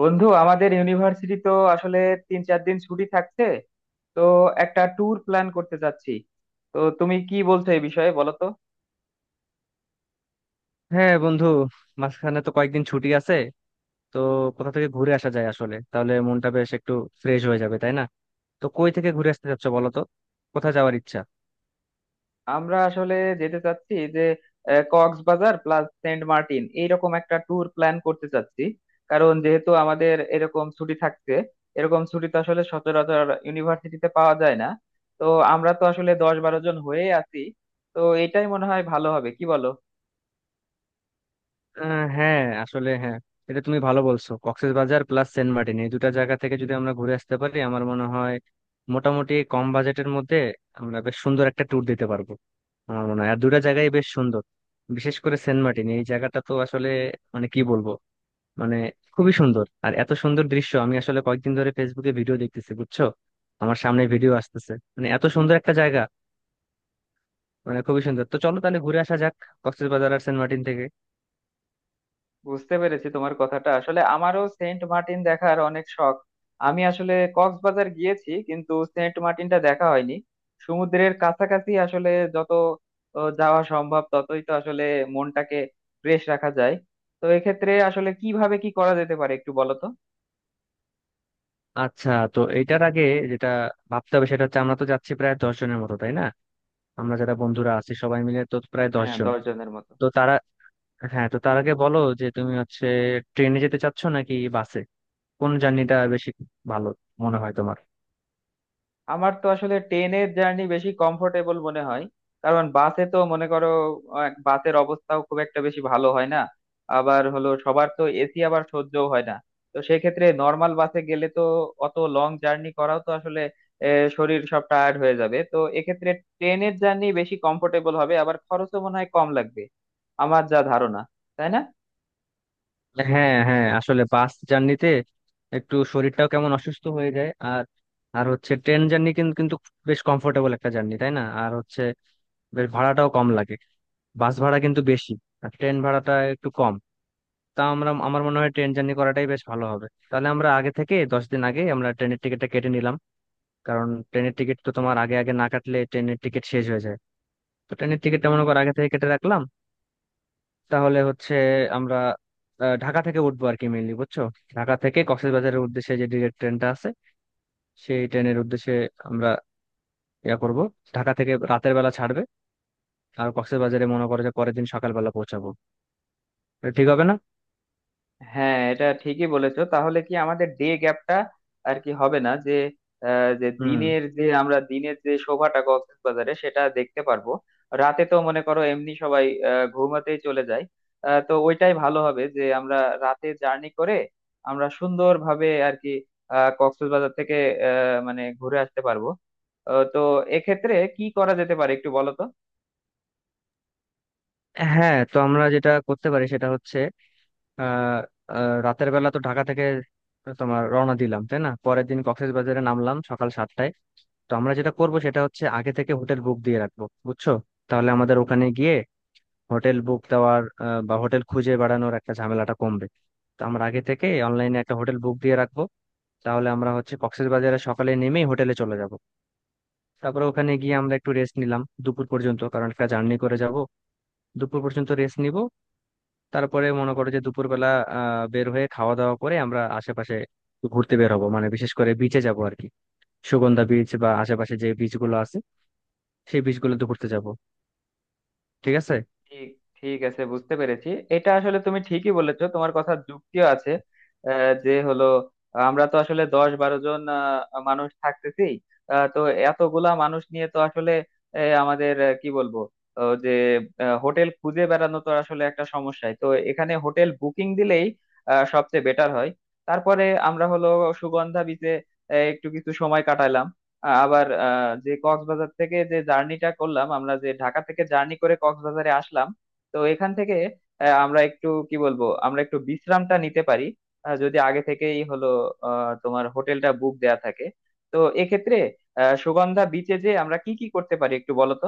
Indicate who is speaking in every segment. Speaker 1: বন্ধু, আমাদের ইউনিভার্সিটি তো আসলে তিন চার দিন ছুটি থাকছে। তো একটা ট্যুর প্ল্যান করতে চাচ্ছি। তো তুমি কি বলছো, এই বিষয়ে বলো তো।
Speaker 2: হ্যাঁ বন্ধু, মাঝখানে তো কয়েকদিন ছুটি আছে। তো কোথা থেকে ঘুরে আসা যায়, আসলে তাহলে মনটা বেশ একটু ফ্রেশ হয়ে যাবে, তাই না? তো কই থেকে ঘুরে আসতে চাচ্ছ বলো তো, কোথায় যাওয়ার ইচ্ছা?
Speaker 1: আমরা আসলে যেতে চাচ্ছি যে কক্সবাজার প্লাস সেন্ট মার্টিন, এইরকম একটা ট্যুর প্ল্যান করতে চাচ্ছি। কারণ যেহেতু আমাদের এরকম ছুটি থাকছে, এরকম ছুটি তো আসলে সচরাচর ইউনিভার্সিটিতে পাওয়া যায় না। তো আমরা তো আসলে দশ বারো জন হয়ে আছি। তো এটাই মনে হয় ভালো হবে, কি বলো?
Speaker 2: হ্যাঁ আসলে, হ্যাঁ এটা তুমি ভালো বলছো। কক্সবাজার প্লাস সেন্ট মার্টিন, এই দুটা জায়গা থেকে যদি আমরা ঘুরে আসতে পারি আমার মনে হয় মোটামুটি কম বাজেটের মধ্যে আমরা বেশ সুন্দর একটা ট্যুর দিতে পারবো। আমার মনে হয় আর দুটা জায়গায় বেশ সুন্দর। বিশেষ করে সেন্ট মার্টিন এই জায়গাটা তো আসলে, মানে কি বলবো, মানে খুবই সুন্দর। আর এত সুন্দর দৃশ্য আমি আসলে কয়েকদিন ধরে ফেসবুকে ভিডিও দেখতেছি বুঝছো, আমার সামনে ভিডিও আসতেছে। মানে এত সুন্দর একটা জায়গা, মানে খুবই সুন্দর। তো চলো তাহলে ঘুরে আসা যাক কক্সবাজার আর সেন্ট মার্টিন থেকে।
Speaker 1: বুঝতে পেরেছি তোমার কথাটা। আসলে আমারও সেন্ট মার্টিন দেখার অনেক শখ। আমি আসলে কক্সবাজার গিয়েছি, কিন্তু সেন্ট মার্টিনটা দেখা হয়নি। সমুদ্রের কাছাকাছি আসলে যত যাওয়া সম্ভব, ততই তো আসলে মনটাকে ফ্রেশ রাখা যায়। তো এক্ষেত্রে আসলে কিভাবে কি করা যেতে পারে, একটু বলো তো।
Speaker 2: আচ্ছা, তো এইটার আগে যেটা ভাবতে হবে সেটা হচ্ছে আমরা তো যাচ্ছি প্রায় 10 জনের মতো, তাই না? আমরা যারা বন্ধুরা আছি সবাই মিলে তো প্রায় দশ
Speaker 1: হ্যাঁ,
Speaker 2: জন
Speaker 1: দশ জনের মতো।
Speaker 2: তো তারা, হ্যাঁ তো তার আগে বলো যে তুমি হচ্ছে ট্রেনে যেতে চাচ্ছ নাকি বাসে, কোন জার্নিটা বেশি ভালো মনে হয় তোমার?
Speaker 1: আমার তো আসলে ট্রেনের জার্নি বেশি কমফোর্টেবল মনে হয়। কারণ বাসে তো মনে করো, বাসের অবস্থাও খুব একটা বেশি ভালো হয় না। আবার হলো সবার তো এসি আবার সহ্যও হয় না। তো সেক্ষেত্রে নর্মাল বাসে গেলে তো অত লং জার্নি করাও তো আসলে শরীর সব টায়ার্ড হয়ে যাবে। তো এক্ষেত্রে ট্রেনের জার্নি বেশি কমফোর্টেবল হবে, আবার খরচও মনে হয় কম লাগবে, আমার যা ধারণা। তাই না?
Speaker 2: হ্যাঁ হ্যাঁ, আসলে বাস জার্নিতে একটু শরীরটাও কেমন অসুস্থ হয়ে যায়। আর, আর হচ্ছে ট্রেন জার্নি কিন্তু কিন্তু বেশ কমফোর্টেবল একটা জার্নি, তাই না? আর হচ্ছে বেশ ভাড়াটাও কম লাগে। বাস ভাড়া কিন্তু বেশি, আর ট্রেন ভাড়াটা একটু কম। তা আমরা, আমার মনে হয় ট্রেন জার্নি করাটাই বেশ ভালো হবে। তাহলে আমরা আগে থেকে 10 দিন আগে আমরা ট্রেনের টিকিটটা কেটে নিলাম। কারণ ট্রেনের টিকিট তো তোমার আগে আগে না কাটলে ট্রেনের টিকিট শেষ হয়ে যায়। তো ট্রেনের টিকিটটা মনে করো আগে থেকে কেটে রাখলাম। তাহলে হচ্ছে আমরা ঢাকা থেকে উঠবো আর কি, মেইনলি বুঝছো, ঢাকা থেকে কক্সবাজারের উদ্দেশ্যে যে ডিরেক্ট ট্রেনটা আছে সেই ট্রেনের উদ্দেশ্যে আমরা ইয়া করব। ঢাকা থেকে রাতের বেলা ছাড়বে আর কক্সবাজারে মনে করো যে পরের দিন সকালবেলা পৌঁছাবো। এটা ঠিক হবে না?
Speaker 1: হ্যাঁ, এটা ঠিকই বলেছো। তাহলে কি আমাদের ডে গ্যাপটা আর কি হবে না যে যে
Speaker 2: হুম।
Speaker 1: দিনের যে শোভাটা কক্সবাজারে, সেটা দেখতে পারবো। রাতে তো মনে করো এমনি সবাই ঘুমাতেই চলে যায়। তো ওইটাই ভালো হবে যে আমরা রাতে জার্নি করে আমরা সুন্দরভাবে আর কি কক্সবাজার থেকে মানে ঘুরে আসতে পারবো। তো এক্ষেত্রে কি করা যেতে পারে, একটু বলো তো।
Speaker 2: হ্যাঁ, তো আমরা যেটা করতে পারি সেটা হচ্ছে আহ আহ, রাতের বেলা তো ঢাকা থেকে তোমার রওনা দিলাম, তাই না? পরের দিন কক্সবাজারে নামলাম সকাল 7টায়। তো আমরা যেটা করব সেটা হচ্ছে আগে থেকে হোটেল বুক দিয়ে রাখবো বুঝছো। তাহলে আমাদের ওখানে গিয়ে হোটেল বুক দেওয়ার বা হোটেল খুঁজে বেড়ানোর একটা ঝামেলাটা কমবে। তো আমরা আগে থেকে অনলাইনে একটা হোটেল বুক দিয়ে রাখবো। তাহলে আমরা হচ্ছে কক্সবাজারে সকালে নেমেই হোটেলে চলে যাব। তারপরে ওখানে গিয়ে আমরা একটু রেস্ট নিলাম দুপুর পর্যন্ত, কারণ একটা জার্নি করে যাব। দুপুর পর্যন্ত রেস্ট নিব। তারপরে মনে করো যে দুপুরবেলা বের হয়ে খাওয়া দাওয়া করে আমরা আশেপাশে একটু ঘুরতে বের হবো, মানে বিশেষ করে বিচে যাব আর কি। সুগন্ধা বিচ বা আশেপাশে যে বিচ গুলো আছে সেই বিচ গুলোতে ঘুরতে যাব। ঠিক আছে।
Speaker 1: ঠিক ঠিক আছে, বুঝতে পেরেছি। এটা আসলে তুমি ঠিকই বলেছো, তোমার কথার যুক্তিও আছে। যে হলো, আমরা তো আসলে দশ বারো জন মানুষ থাকতেছি। তো এতগুলা মানুষ নিয়ে তো আসলে আমাদের কি বলবো, যে হোটেল খুঁজে বেড়ানো তো আসলে একটা সমস্যাই। তো এখানে হোটেল বুকিং দিলেই সবচেয়ে বেটার হয়। তারপরে আমরা হলো সুগন্ধা বিচে একটু কিছু সময় কাটালাম। আবার যে কক্সবাজার থেকে যে জার্নিটা করলাম, আমরা যে ঢাকা থেকে জার্নি করে কক্সবাজারে আসলাম, তো এখান থেকে আমরা একটু কি বলবো, আমরা একটু বিশ্রামটা নিতে পারি যদি আগে থেকেই হলো তোমার হোটেলটা বুক দেয়া থাকে। তো এক্ষেত্রে সুগন্ধা বিচে যে আমরা কি কি করতে পারি, একটু বলো তো।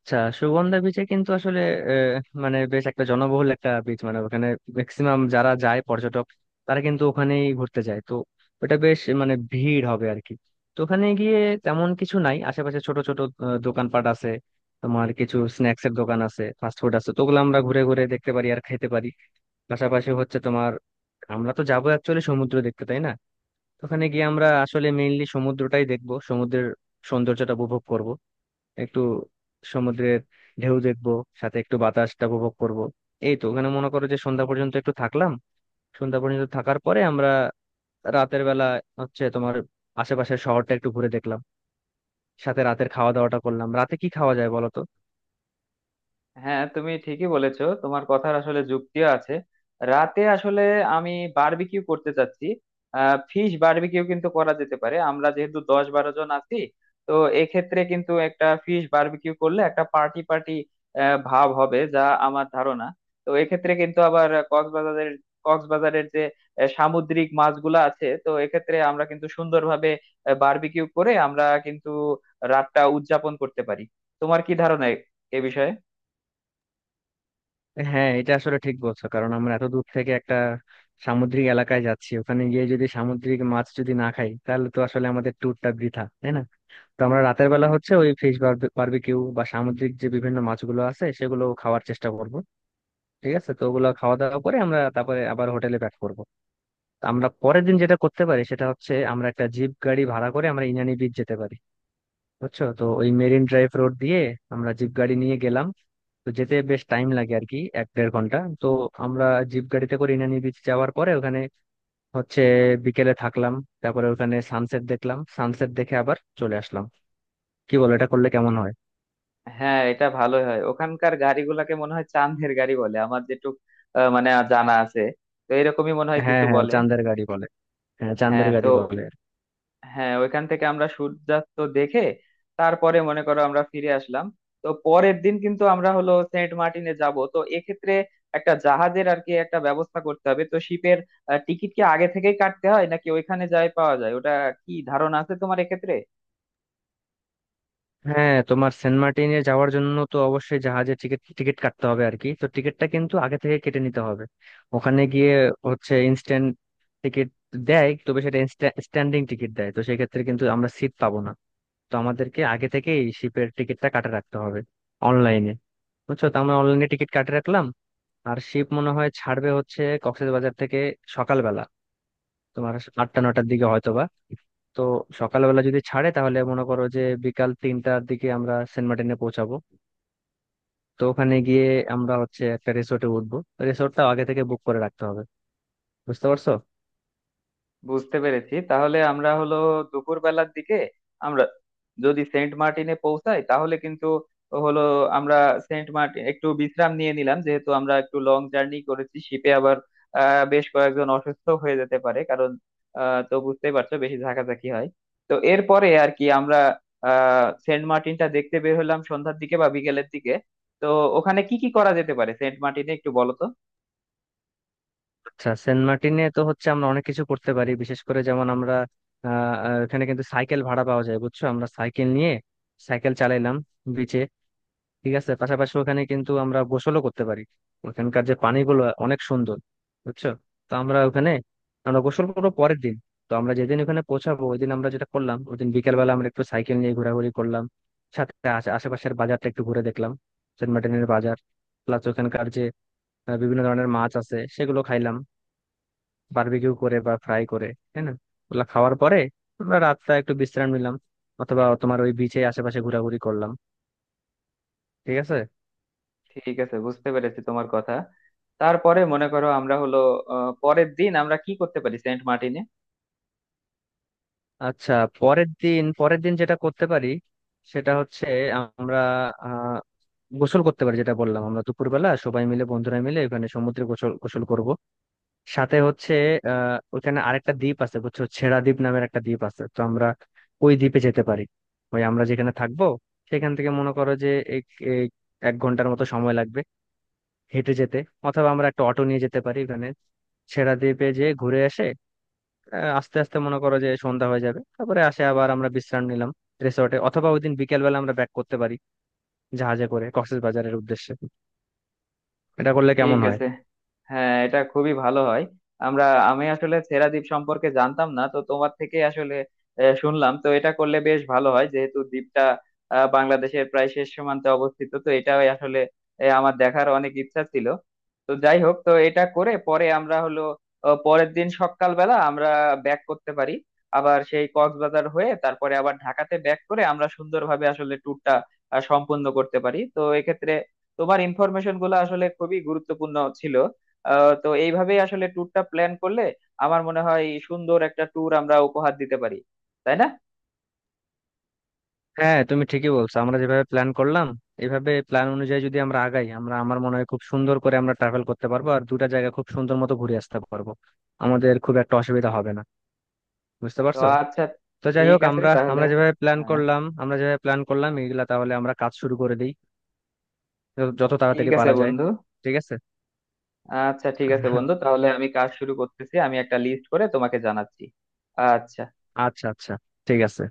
Speaker 2: আচ্ছা, সুগন্ধা বিচে কিন্তু আসলে আহ, মানে বেশ একটা জনবহুল একটা বিচ। মানে ওখানে ম্যাক্সিমাম যারা যায় পর্যটক তারা কিন্তু ওখানেই ঘুরতে যায়। তো ওটা বেশ, মানে ভিড় হবে আর কি। তো ওখানে গিয়ে তেমন কিছু নাই, আশেপাশে ছোট ছোট দোকানপাট আছে। তোমার কিছু স্ন্যাক্স এর দোকান আছে, ফাস্ট ফুড আছে। তো ওগুলো আমরা ঘুরে ঘুরে দেখতে পারি আর খেতে পারি। পাশাপাশি হচ্ছে তোমার, আমরা তো যাবো অ্যাকচুয়ালি সমুদ্র দেখতে তাই না? তো ওখানে গিয়ে আমরা আসলে মেইনলি সমুদ্রটাই দেখবো, সমুদ্রের সৌন্দর্যটা উপভোগ করব। একটু সমুদ্রের ঢেউ দেখবো, সাথে একটু বাতাসটা উপভোগ করব। এই তো, ওখানে মনে করো যে সন্ধ্যা পর্যন্ত একটু থাকলাম। সন্ধ্যা পর্যন্ত থাকার পরে আমরা রাতের বেলা হচ্ছে তোমার আশেপাশের শহরটা একটু ঘুরে দেখলাম, সাথে রাতের খাওয়া দাওয়াটা করলাম। রাতে কি খাওয়া যায় বলো তো?
Speaker 1: হ্যাঁ, তুমি ঠিকই বলেছো, তোমার কথার আসলে যুক্তিও আছে। রাতে আসলে আমি বারবিকিউ করতে চাচ্ছি। ফিশ বারবিকিউ কিন্তু করা যেতে পারে। আমরা যেহেতু দশ বারো জন আছি, তো এক্ষেত্রে কিন্তু একটা ফিশ বারবিকিউ করলে একটা পার্টি পার্টি ভাব হবে, যা আমার ধারণা। তো এক্ষেত্রে কিন্তু আবার কক্সবাজারের কক্সবাজারের যে সামুদ্রিক মাছগুলো আছে, তো এক্ষেত্রে আমরা কিন্তু সুন্দরভাবে বারবিকিউ করে আমরা কিন্তু রাতটা উদযাপন করতে পারি। তোমার কি ধারণা এ এ বিষয়ে?
Speaker 2: হ্যাঁ, এটা আসলে ঠিক বলছো। কারণ আমরা এত দূর থেকে একটা সামুদ্রিক এলাকায় যাচ্ছি, ওখানে গিয়ে যদি সামুদ্রিক মাছ যদি না খাই তাহলে তো আসলে আমাদের ট্যুরটা বৃথা, তাই না? তো আমরা রাতের বেলা হচ্ছে ওই ফিশ বারবিকিউ বা সামুদ্রিক যে বিভিন্ন মাছগুলো আছে সেগুলো খাওয়ার চেষ্টা করব। ঠিক আছে। তো ওগুলা খাওয়া দাওয়া করে আমরা তারপরে আবার হোটেলে ব্যাক করবো। তো আমরা পরের দিন যেটা করতে পারি সেটা হচ্ছে আমরা একটা জিপ গাড়ি ভাড়া করে আমরা ইনানি বিচ যেতে পারি বুঝছো। তো ওই মেরিন ড্রাইভ রোড দিয়ে আমরা জিপ গাড়ি নিয়ে গেলাম। তো যেতে বেশ টাইম লাগে আর কি, এক দেড় ঘন্টা। তো আমরা জিপ গাড়িতে করে ইনানি বিচ যাওয়ার পরে ওখানে হচ্ছে বিকেলে থাকলাম। তারপরে ওখানে সানসেট দেখলাম, সানসেট দেখে আবার চলে আসলাম। কি বলো, এটা করলে কেমন হয়?
Speaker 1: হ্যাঁ, এটা ভালোই হয়। ওখানকার গাড়িগুলোকে মনে হয় চান্দের গাড়ি বলে, আমার যেটুক মানে জানা আছে। তো এরকমই মনে হয়
Speaker 2: হ্যাঁ
Speaker 1: কিছু
Speaker 2: হ্যাঁ,
Speaker 1: বলে।
Speaker 2: চান্দের গাড়ি বলে। হ্যাঁ চান্দের
Speaker 1: হ্যাঁ
Speaker 2: গাড়ি
Speaker 1: তো
Speaker 2: বলে।
Speaker 1: হ্যাঁ, ওইখান থেকে আমরা সূর্যাস্ত দেখে তারপরে মনে করো আমরা ফিরে আসলাম। তো পরের দিন কিন্তু আমরা হলো সেন্ট মার্টিনে যাব। তো এক্ষেত্রে একটা জাহাজের আর কি একটা ব্যবস্থা করতে হবে। তো শিপের টিকিট কি আগে থেকেই কাটতে হয় নাকি ওইখানে যাই পাওয়া যায়, ওটা কি ধারণা আছে তোমার এক্ষেত্রে?
Speaker 2: হ্যাঁ, তোমার সেন্ট মার্টিনে যাওয়ার জন্য তো অবশ্যই জাহাজে টিকিট টিকিট কাটতে হবে আর কি। তো টিকিটটা কিন্তু আগে থেকে কেটে নিতে হবে। ওখানে গিয়ে হচ্ছে ইনস্ট্যান্ট টিকিট দেয়, তবে সেটা স্ট্যান্ডিং টিকিট দেয়। তো সেক্ষেত্রে কিন্তু আমরা সিট পাবো না। তো আমাদেরকে আগে থেকেই শিপের টিকিটটা কাটে রাখতে হবে অনলাইনে বুঝছো। তো আমরা অনলাইনে টিকিট কাটে রাখলাম। আর শিপ মনে হয় ছাড়বে হচ্ছে কক্সবাজার থেকে সকালবেলা, তোমার আটটা নটার দিকে হয়তোবা। তো সকালবেলা যদি ছাড়ে তাহলে মনে করো যে বিকাল 3টার দিকে আমরা সেন্ট মার্টিনে পৌঁছাবো। তো ওখানে গিয়ে আমরা হচ্ছে একটা রিসোর্টে উঠবো। রিসোর্টটাও আগে থেকে বুক করে রাখতে হবে, বুঝতে পারছো?
Speaker 1: বুঝতে পেরেছি। তাহলে আমরা হলো দুপুর বেলার দিকে আমরা যদি সেন্ট মার্টিনে পৌঁছাই, তাহলে কিন্তু হলো আমরা সেন্ট মার্টিন একটু বিশ্রাম নিয়ে নিলাম, যেহেতু আমরা একটু লং জার্নি করেছি শিপে। আবার বেশ কয়েকজন অসুস্থ হয়ে যেতে পারে, কারণ তো বুঝতেই পারছো বেশি ঝাঁকাঝাঁকি হয়। তো এরপরে আর কি আমরা সেন্ট মার্টিনটা দেখতে বের হলাম সন্ধ্যার দিকে বা বিকেলের দিকে। তো ওখানে কি কি করা যেতে পারে সেন্ট মার্টিনে, একটু বলো তো।
Speaker 2: আচ্ছা, সেন্ট মার্টিনে তো হচ্ছে আমরা অনেক কিছু করতে পারি, বিশেষ করে যেমন আমরা আহ আহ, এখানে কিন্তু সাইকেল ভাড়া পাওয়া যায় বুঝছো। আমরা সাইকেল নিয়ে সাইকেল চালাইলাম বিচে। ঠিক আছে। পাশাপাশি ওখানে কিন্তু আমরা গোসলও করতে পারি। ওখানকার যে পানিগুলো অনেক সুন্দর বুঝছো। তো আমরা ওখানে আমরা গোসল করবো পরের দিন। তো আমরা যেদিন ওখানে পৌঁছাবো ওই দিন আমরা যেটা করলাম, ওই দিন বিকেলবেলা আমরা একটু সাইকেল নিয়ে ঘোরাঘুরি করলাম। সাথে আশেপাশের বাজারটা একটু ঘুরে দেখলাম, সেন্ট মার্টিনের বাজার। প্লাস ওখানকার যে বিভিন্ন ধরনের মাছ আছে সেগুলো খাইলাম, বারবিকিউ করে বা ফ্রাই করে, তাই না? ওগুলো খাওয়ার পরে আমরা রাতটা একটু বিশ্রাম নিলাম, অথবা তোমার ওই বিচে আশেপাশে ঘোরাঘুরি করলাম। ঠিক আছে।
Speaker 1: ঠিক আছে, বুঝতে পেরেছি তোমার কথা। তারপরে মনে করো আমরা হলো পরের দিন আমরা কি করতে পারি সেন্ট মার্টিনে?
Speaker 2: আচ্ছা, পরের দিন যেটা করতে পারি সেটা হচ্ছে আমরা আহ গোসল করতে পারি, যেটা বললাম আমরা দুপুরবেলা সবাই মিলে বন্ধুরা মিলে ওখানে সমুদ্রে গোসল গোসল করব। সাথে হচ্ছে ওখানে আরেকটা দ্বীপ আছে বুঝছো, ছেড়া দ্বীপ নামের একটা দ্বীপ আছে। তো আমরা ওই দ্বীপে যেতে পারি। ওই আমরা যেখানে থাকবো সেখান থেকে মনে করো যে এক এক 1 ঘন্টার মতো সময় লাগবে হেঁটে যেতে, অথবা আমরা একটা অটো নিয়ে যেতে পারি ওখানে ছেড়া দ্বীপে যে ঘুরে আসে। আস্তে আস্তে মনে করো যে সন্ধ্যা হয়ে যাবে, তারপরে আসে আবার আমরা বিশ্রাম নিলাম রিসোর্টে। অথবা ওই দিন বিকেল বেলা আমরা ব্যাক করতে পারি জাহাজে করে কক্সবাজারের উদ্দেশ্যে। এটা করলে
Speaker 1: ঠিক
Speaker 2: কেমন হয়?
Speaker 1: আছে, হ্যাঁ এটা খুবই ভালো হয়। আমরা, আমি আসলে সেরাদ্বীপ সম্পর্কে জানতাম না, তো তোমার থেকে আসলে শুনলাম। তো এটা করলে বেশ ভালো হয়, যেহেতু দ্বীপটা বাংলাদেশের প্রায় শেষ সীমান্তে অবস্থিত। তো এটাই আসলে আমার দেখার অনেক ইচ্ছা ছিল। তো যাই হোক, তো এটা করে পরে আমরা হলো পরের দিন সকালবেলা আমরা ব্যাক করতে পারি আবার সেই কক্সবাজার হয়ে, তারপরে আবার ঢাকাতে ব্যাক করে আমরা সুন্দরভাবে আসলে ট্যুরটা সম্পূর্ণ করতে পারি। তো এক্ষেত্রে তোমার ইনফরমেশন গুলো আসলে খুবই গুরুত্বপূর্ণ ছিল। তো এইভাবেই আসলে ট্যুরটা প্ল্যান করলে আমার মনে হয় সুন্দর একটা ট্যুর আমরা উপহার দিতে পারি। তাই না?
Speaker 2: হ্যাঁ তুমি ঠিকই বলছো। আমরা যেভাবে প্ল্যান করলাম, এভাবে প্ল্যান অনুযায়ী যদি আমরা আগাই আমরা, আমার মনে হয় খুব সুন্দর করে আমরা ট্রাভেল করতে পারবো আর দুটা জায়গা খুব সুন্দর মতো ঘুরে আসতে পারবো। আমাদের খুব একটা অসুবিধা হবে না, বুঝতে
Speaker 1: তো
Speaker 2: পারছো?
Speaker 1: আচ্ছা।
Speaker 2: তো যাই
Speaker 1: ঠিক
Speaker 2: হোক,
Speaker 1: আছে
Speaker 2: আমরা
Speaker 1: তাহলে।
Speaker 2: আমরা যেভাবে প্ল্যান
Speaker 1: হ্যাঁ,
Speaker 2: করলাম এইগুলা, তাহলে আমরা কাজ শুরু করে দিই। যত যত
Speaker 1: ঠিক
Speaker 2: তাড়াতাড়ি
Speaker 1: আছে
Speaker 2: পারা যায়।
Speaker 1: বন্ধু।
Speaker 2: ঠিক আছে।
Speaker 1: আচ্ছা ঠিক আছে বন্ধু, তাহলে আমি কাজ শুরু করতেছি। আমি একটা লিস্ট করে তোমাকে জানাচ্ছি। আচ্ছা।
Speaker 2: আচ্ছা আচ্ছা, ঠিক আছে।